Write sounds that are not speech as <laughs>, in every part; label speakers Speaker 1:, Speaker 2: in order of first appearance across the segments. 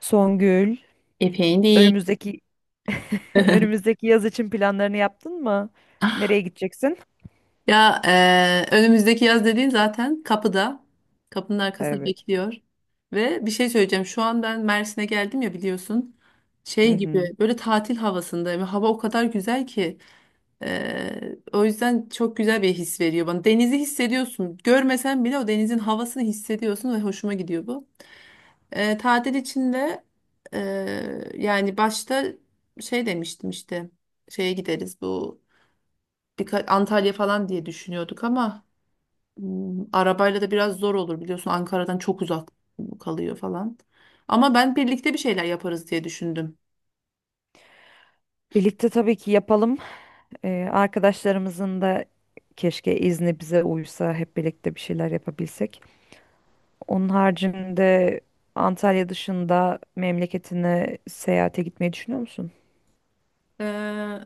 Speaker 1: Songül,
Speaker 2: Epeğin değil.
Speaker 1: önümüzdeki <laughs>
Speaker 2: <laughs>
Speaker 1: önümüzdeki yaz için planlarını yaptın mı? Nereye gideceksin?
Speaker 2: Ya önümüzdeki yaz dediğin zaten kapıda. Kapının arkasında
Speaker 1: Evet.
Speaker 2: bekliyor. Ve bir şey söyleyeceğim. Şu an ben Mersin'e geldim ya biliyorsun.
Speaker 1: Hı
Speaker 2: Şey
Speaker 1: hı.
Speaker 2: gibi böyle tatil havasındayım. Hava o kadar güzel ki. O yüzden çok güzel bir his veriyor bana. Denizi hissediyorsun. Görmesen bile o denizin havasını hissediyorsun ve hoşuma gidiyor bu. Tatil içinde yani başta şey demiştim işte. Şeye gideriz bu. Birkaç Antalya falan diye düşünüyorduk ama arabayla da biraz zor olur biliyorsun, Ankara'dan çok uzak kalıyor falan. Ama ben birlikte bir şeyler yaparız diye düşündüm.
Speaker 1: Birlikte tabii ki yapalım. Arkadaşlarımızın da keşke izni bize uysa hep birlikte bir şeyler yapabilsek. Onun haricinde Antalya dışında memleketine seyahate gitmeyi düşünüyor musun?
Speaker 2: Ee,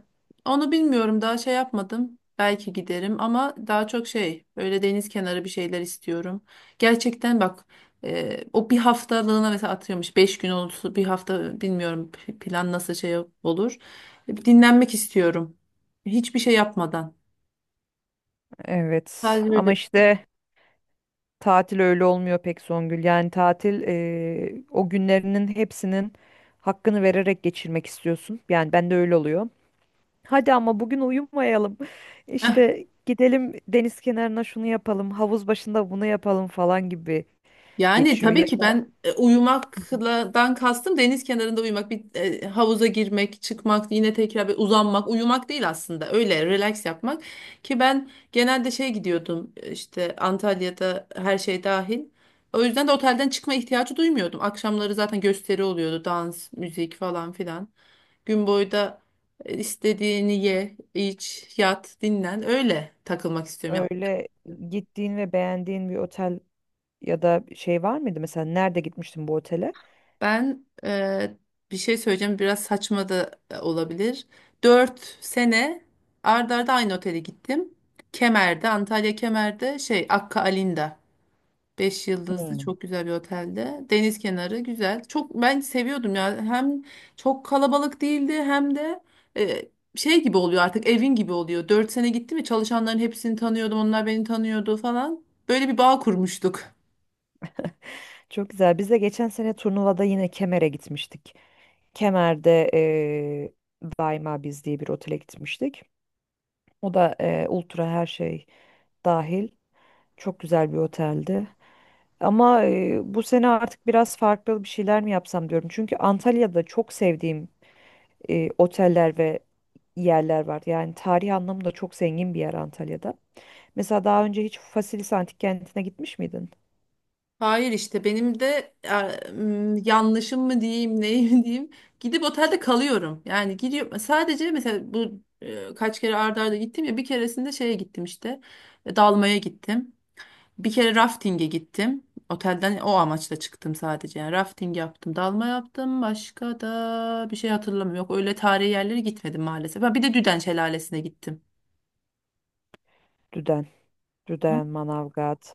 Speaker 2: Onu bilmiyorum, daha şey yapmadım. Belki giderim ama daha çok şey böyle deniz kenarı bir şeyler istiyorum. Gerçekten bak, o bir haftalığına mesela atıyormuş. 5 gün olsun bir hafta bilmiyorum, plan nasıl şey olur. Dinlenmek istiyorum. Hiçbir şey yapmadan.
Speaker 1: Evet.
Speaker 2: Sadece
Speaker 1: Ama
Speaker 2: böyle.
Speaker 1: işte. Tatil öyle olmuyor pek Songül. Yani tatil o günlerinin hepsinin hakkını vererek geçirmek istiyorsun. Yani ben de öyle oluyor. Hadi ama bugün uyumayalım. <laughs> İşte gidelim deniz kenarına şunu yapalım, havuz başında bunu yapalım falan gibi
Speaker 2: Yani
Speaker 1: geçiyor.
Speaker 2: tabii
Speaker 1: Ya
Speaker 2: ki
Speaker 1: da
Speaker 2: ben uyumakla dan kastım deniz kenarında uyumak, bir havuza girmek, çıkmak, yine tekrar bir uzanmak, uyumak değil aslında. Öyle relax yapmak ki ben genelde şey gidiyordum, işte Antalya'da her şey dahil. O yüzden de otelden çıkma ihtiyacı duymuyordum. Akşamları zaten gösteri oluyordu, dans, müzik falan filan. Gün boyu da istediğini ye, iç, yat, dinlen. Öyle takılmak istiyorum ya.
Speaker 1: öyle gittiğin ve beğendiğin bir otel ya da şey var mıydı? Mesela nerede gitmiştin bu otele?
Speaker 2: Ben bir şey söyleyeceğim, biraz saçma da olabilir. 4 sene ard arda aynı otele gittim. Kemer'de, Antalya Kemer'de şey Akka Alinda. 5 yıldızlı
Speaker 1: Hmm.
Speaker 2: çok güzel bir otelde. Deniz kenarı güzel. Çok ben seviyordum ya. Hem çok kalabalık değildi hem de e, şey gibi oluyor, artık evin gibi oluyor. 4 sene gittim ya, çalışanların hepsini tanıyordum. Onlar beni tanıyordu falan. Böyle bir bağ kurmuştuk.
Speaker 1: Çok güzel. Biz de geçen sene turnuvada yine Kemer'e gitmiştik. Kemer'de Daima Biz diye bir otele gitmiştik. O da ultra her şey dahil. Çok güzel bir oteldi. Ama bu sene artık biraz farklı bir şeyler mi yapsam diyorum. Çünkü Antalya'da çok sevdiğim oteller ve yerler var. Yani tarih anlamında çok zengin bir yer Antalya'da. Mesela daha önce hiç Faselis Antik Kenti'ne gitmiş miydin?
Speaker 2: Hayır, işte benim de yanlışım mı diyeyim, neyim <laughs> diyeyim, gidip otelde kalıyorum. Yani gidiyorum sadece, mesela bu kaç kere arda arda gittim ya, bir keresinde şeye gittim işte, dalmaya gittim. Bir kere rafting'e gittim. Otelden o amaçla çıktım sadece. Yani rafting yaptım, dalma yaptım. Başka da bir şey hatırlamıyorum. Yok, öyle tarihi yerlere gitmedim maalesef. Ha, bir de Düden Şelalesi'ne gittim.
Speaker 1: Düden, Düden, Manavgat.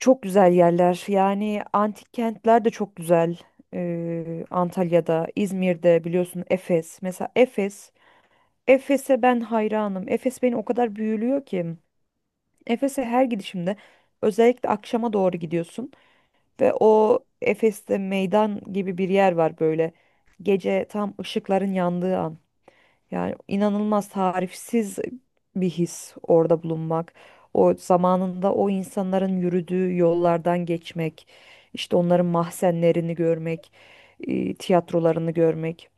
Speaker 1: Çok güzel yerler. Yani antik kentler de çok güzel. Antalya'da, İzmir'de biliyorsun Efes. Mesela Efes. Efes'e ben hayranım. Efes beni o kadar büyülüyor ki. Efes'e her gidişimde özellikle akşama doğru gidiyorsun ve o Efes'te meydan gibi bir yer var böyle. Gece tam ışıkların yandığı an. Yani inanılmaz tarifsiz bir his orada bulunmak. O zamanında o insanların yürüdüğü yollardan geçmek, işte onların mahzenlerini görmek, tiyatrolarını görmek.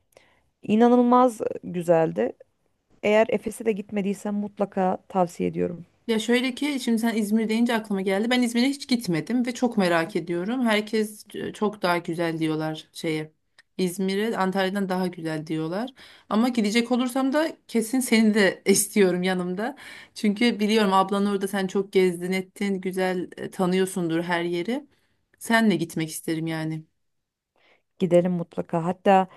Speaker 1: İnanılmaz güzeldi. Eğer Efes'e de gitmediysen mutlaka tavsiye ediyorum.
Speaker 2: Ya şöyle ki, şimdi sen İzmir deyince aklıma geldi. Ben İzmir'e hiç gitmedim ve çok merak ediyorum. Herkes çok daha güzel diyorlar şeye. İzmir'e Antalya'dan daha güzel diyorlar. Ama gidecek olursam da kesin seni de <laughs> istiyorum yanımda. Çünkü biliyorum ablan orada, sen çok gezdin ettin. Güzel, tanıyorsundur her yeri. Senle gitmek isterim yani.
Speaker 1: Gidelim mutlaka. Hatta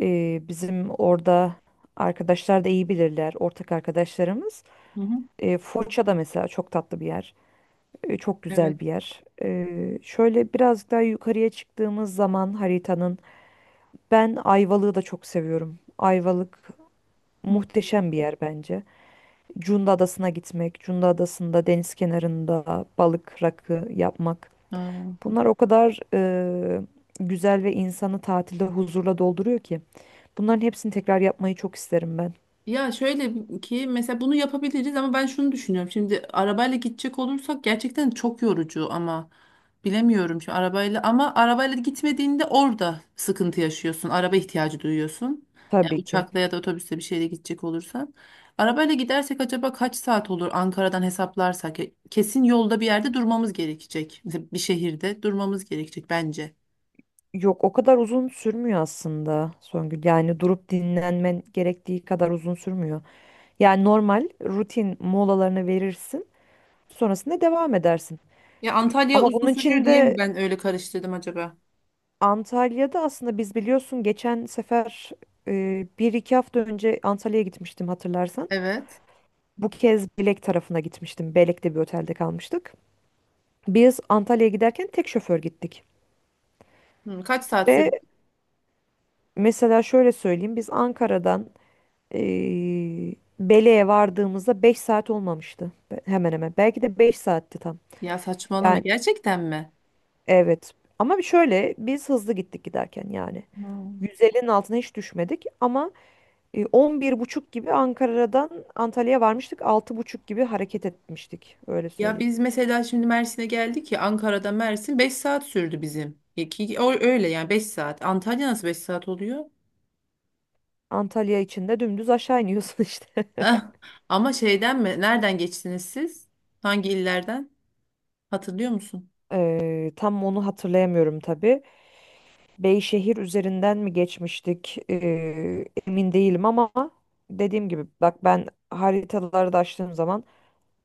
Speaker 1: bizim orada arkadaşlar da iyi bilirler, ortak arkadaşlarımız.
Speaker 2: Hı hı.
Speaker 1: Foça da mesela çok tatlı bir yer. Çok
Speaker 2: Evet.
Speaker 1: güzel bir yer. Şöyle biraz daha yukarıya çıktığımız zaman haritanın ben Ayvalık'ı da çok seviyorum. Ayvalık
Speaker 2: Hı.
Speaker 1: muhteşem bir yer bence. Cunda Adası'na gitmek, Cunda Adası'nda deniz kenarında balık rakı yapmak.
Speaker 2: Aa.
Speaker 1: Bunlar o kadar güzel ve insanı tatilde huzurla dolduruyor ki. Bunların hepsini tekrar yapmayı çok isterim ben.
Speaker 2: Ya şöyle ki, mesela bunu yapabiliriz ama ben şunu düşünüyorum. Şimdi arabayla gidecek olursak gerçekten çok yorucu ama bilemiyorum şu arabayla, ama arabayla gitmediğinde orada sıkıntı yaşıyorsun. Araba ihtiyacı duyuyorsun. Yani
Speaker 1: Tabii ki.
Speaker 2: uçakla ya da otobüsle bir şeyle gidecek olursan. Arabayla gidersek acaba kaç saat olur Ankara'dan hesaplarsak? Ya kesin yolda bir yerde durmamız gerekecek. Mesela bir şehirde durmamız gerekecek bence.
Speaker 1: Yok o kadar uzun sürmüyor aslında Songül. Yani durup dinlenmen gerektiği kadar uzun sürmüyor. Yani normal rutin molalarını verirsin. Sonrasında devam edersin.
Speaker 2: Ya Antalya
Speaker 1: Ama
Speaker 2: uzun
Speaker 1: bunun
Speaker 2: sürüyor
Speaker 1: için
Speaker 2: diye mi
Speaker 1: de
Speaker 2: ben öyle karıştırdım acaba?
Speaker 1: Antalya'da aslında biz biliyorsun geçen sefer bir iki hafta önce Antalya'ya gitmiştim hatırlarsan.
Speaker 2: Evet.
Speaker 1: Bu kez Belek tarafına gitmiştim. Belek'te bir otelde kalmıştık. Biz Antalya'ya giderken tek şoför gittik.
Speaker 2: Hı, kaç saat
Speaker 1: Ve
Speaker 2: sürüyor?
Speaker 1: mesela şöyle söyleyeyim biz Ankara'dan e, Belek'e vardığımızda 5 saat olmamıştı. Hemen hemen. Belki de 5 saatti tam.
Speaker 2: Ya saçmalama,
Speaker 1: Yani.
Speaker 2: gerçekten mi?
Speaker 1: Evet. Ama bir şöyle biz hızlı gittik giderken yani.
Speaker 2: Hmm.
Speaker 1: 150'nin altına hiç düşmedik ama 11.30 gibi Ankara'dan Antalya'ya varmıştık. 6.30 gibi hareket etmiştik öyle
Speaker 2: Ya
Speaker 1: söyleyeyim.
Speaker 2: biz mesela şimdi Mersin'e geldik ya, Ankara'da Mersin 5 saat sürdü bizim. Ya öyle yani, 5 saat. Antalya nasıl 5 saat oluyor?
Speaker 1: Antalya içinde dümdüz aşağı iniyorsun <laughs> işte.
Speaker 2: Ah, ama şeyden mi? Nereden geçtiniz siz? Hangi illerden? Hatırlıyor musun?
Speaker 1: Tam onu hatırlayamıyorum tabii. Beyşehir üzerinden mi geçmiştik? Emin değilim ama dediğim gibi bak ben haritaları da açtığım zaman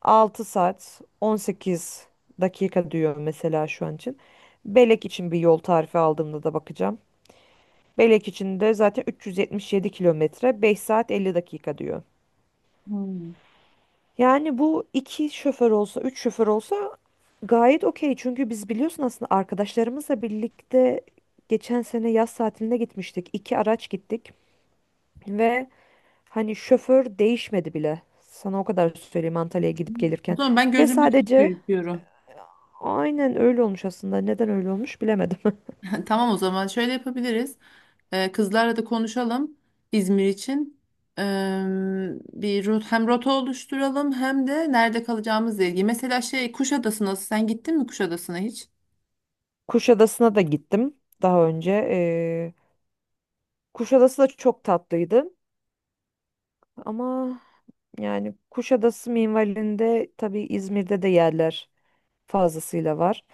Speaker 1: 6 saat 18 dakika diyor mesela şu an için. Belek için bir yol tarifi aldığımda da bakacağım. Belek için de zaten 377 kilometre 5 saat 50 dakika diyor.
Speaker 2: Hmm.
Speaker 1: Yani bu iki şoför olsa, üç şoför olsa gayet okey. Çünkü biz biliyorsun aslında arkadaşlarımızla birlikte geçen sene yaz tatiline gitmiştik. İki araç gittik ve hani şoför değişmedi bile. Sana o kadar söyleyeyim Antalya'ya gidip
Speaker 2: O
Speaker 1: gelirken.
Speaker 2: zaman ben
Speaker 1: Ve
Speaker 2: gözümde çok
Speaker 1: sadece
Speaker 2: büyütüyorum.
Speaker 1: Aynen öyle olmuş aslında. Neden öyle olmuş bilemedim. <laughs>
Speaker 2: Tamam, o zaman şöyle yapabiliriz. Kızlarla da konuşalım İzmir için. Ee, Bir hem rota oluşturalım hem de nerede kalacağımızla ilgili. Mesela şey Kuşadası nasıl? Sen gittin mi Kuşadası'na hiç?
Speaker 1: Kuşadası'na da gittim daha önce. Kuşadası da çok tatlıydı. Ama yani Kuşadası minvalinde tabii İzmir'de de yerler fazlasıyla var.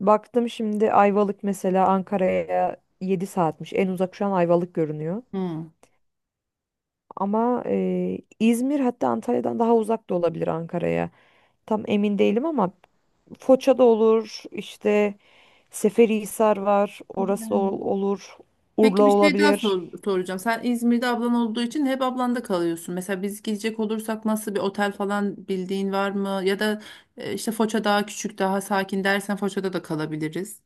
Speaker 1: Baktım şimdi Ayvalık mesela Ankara'ya 7 saatmiş. En uzak şu an Ayvalık görünüyor.
Speaker 2: Hmm.
Speaker 1: Ama İzmir hatta Antalya'dan daha uzak da olabilir Ankara'ya. Tam emin değilim ama Foça da olur, işte Seferihisar var, orası olur, Urla
Speaker 2: Peki, bir şey daha
Speaker 1: olabilir.
Speaker 2: soracağım. Sen İzmir'de ablan olduğu için hep ablanda kalıyorsun. Mesela biz gidecek olursak nasıl bir otel falan bildiğin var mı? Ya da işte Foça daha küçük, daha sakin dersen Foça'da da kalabiliriz.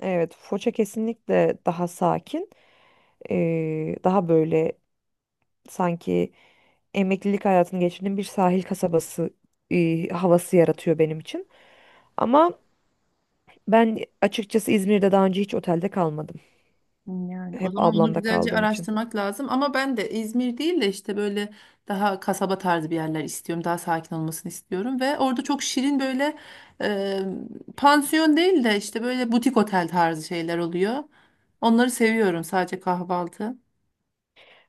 Speaker 1: Evet, Foça kesinlikle daha sakin, daha böyle sanki emeklilik hayatını geçirdiğim bir sahil kasabası havası yaratıyor benim için. Ama ben açıkçası İzmir'de daha önce hiç otelde kalmadım.
Speaker 2: Yani o
Speaker 1: Hep
Speaker 2: zaman onu
Speaker 1: ablamda
Speaker 2: güzelce
Speaker 1: kaldığım için.
Speaker 2: araştırmak lazım. Ama ben de İzmir değil de işte böyle daha kasaba tarzı bir yerler istiyorum. Daha sakin olmasını istiyorum. Ve orada çok şirin böyle e, pansiyon değil de işte böyle butik otel tarzı şeyler oluyor. Onları seviyorum, sadece kahvaltı.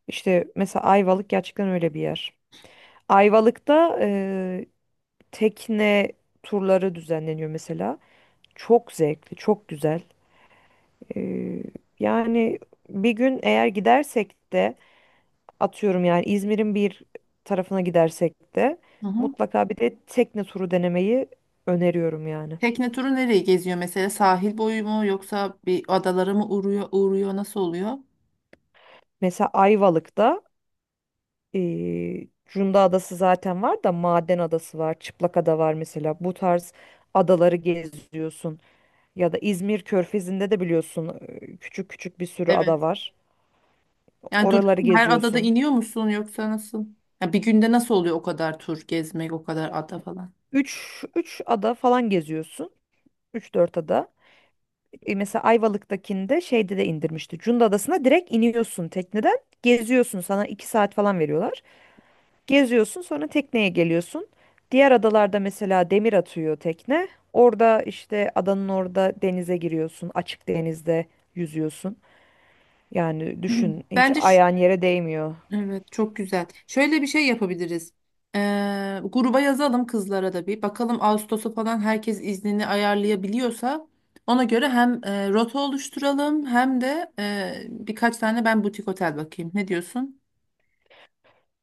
Speaker 1: İşte mesela Ayvalık gerçekten öyle bir yer. Ayvalık'ta tekne turları düzenleniyor mesela. Çok zevkli, çok güzel. Ee, yani bir gün eğer gidersek de atıyorum yani İzmir'in bir tarafına gidersek de
Speaker 2: Hı hı.
Speaker 1: mutlaka bir de tekne turu denemeyi öneriyorum yani.
Speaker 2: Tekne turu nereyi geziyor mesela? Sahil boyu mu yoksa bir adalara mı uğruyor, nasıl oluyor?
Speaker 1: Mesela Ayvalık'ta Cunda Adası zaten var da Maden Adası var, Çıplakada var mesela. Bu tarz adaları geziyorsun. Ya da İzmir Körfezi'nde de biliyorsun küçük küçük bir sürü
Speaker 2: Evet.
Speaker 1: ada var.
Speaker 2: Yani duruyor
Speaker 1: Oraları
Speaker 2: mu? Her adada
Speaker 1: geziyorsun.
Speaker 2: iniyor musun yoksa nasıl? Ya bir günde nasıl oluyor o kadar tur gezmek, o kadar ada falan?
Speaker 1: Üç ada falan geziyorsun. Üç dört ada. Mesela Ayvalık'takinde şeyde de indirmişti. Cunda Adası'na direkt iniyorsun tekneden. Geziyorsun sana 2 saat falan veriyorlar. Geziyorsun sonra tekneye geliyorsun. Diğer adalarda mesela demir atıyor tekne. Orada işte adanın orada denize giriyorsun. Açık denizde yüzüyorsun. Yani
Speaker 2: Hmm.
Speaker 1: düşün hiç
Speaker 2: Bence
Speaker 1: ayağın yere değmiyor.
Speaker 2: evet, çok güzel. Şöyle bir şey yapabiliriz. Gruba yazalım kızlara da bir. Bakalım Ağustos'a falan herkes iznini ayarlayabiliyorsa ona göre hem rota oluşturalım hem de birkaç tane ben butik otel bakayım. Ne diyorsun?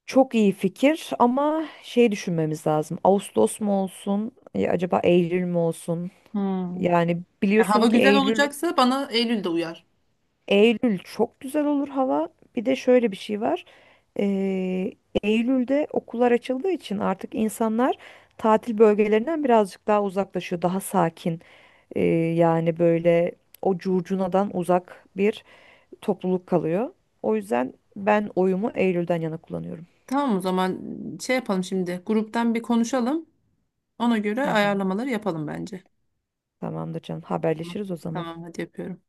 Speaker 1: Çok iyi fikir ama şey düşünmemiz lazım. Ağustos mu olsun? Ya acaba Eylül mü olsun?
Speaker 2: Hmm.
Speaker 1: Yani
Speaker 2: Ya hava
Speaker 1: biliyorsun ki
Speaker 2: güzel
Speaker 1: Eylül.
Speaker 2: olacaksa bana Eylül'de uyar.
Speaker 1: Eylül çok güzel olur hava. Bir de şöyle bir şey var. Ee, Eylül'de okullar açıldığı için artık insanlar tatil bölgelerinden birazcık daha uzaklaşıyor. Daha sakin. e, yani böyle o curcunadan uzak bir topluluk kalıyor. O yüzden ben oyumu Eylül'den yana kullanıyorum.
Speaker 2: Tamam, o zaman şey yapalım şimdi. Gruptan bir konuşalım. Ona göre
Speaker 1: Hı hı.
Speaker 2: ayarlamaları yapalım bence.
Speaker 1: Tamamdır canım.
Speaker 2: Tamam.
Speaker 1: Haberleşiriz o zaman.
Speaker 2: Tamam, hadi yapıyorum.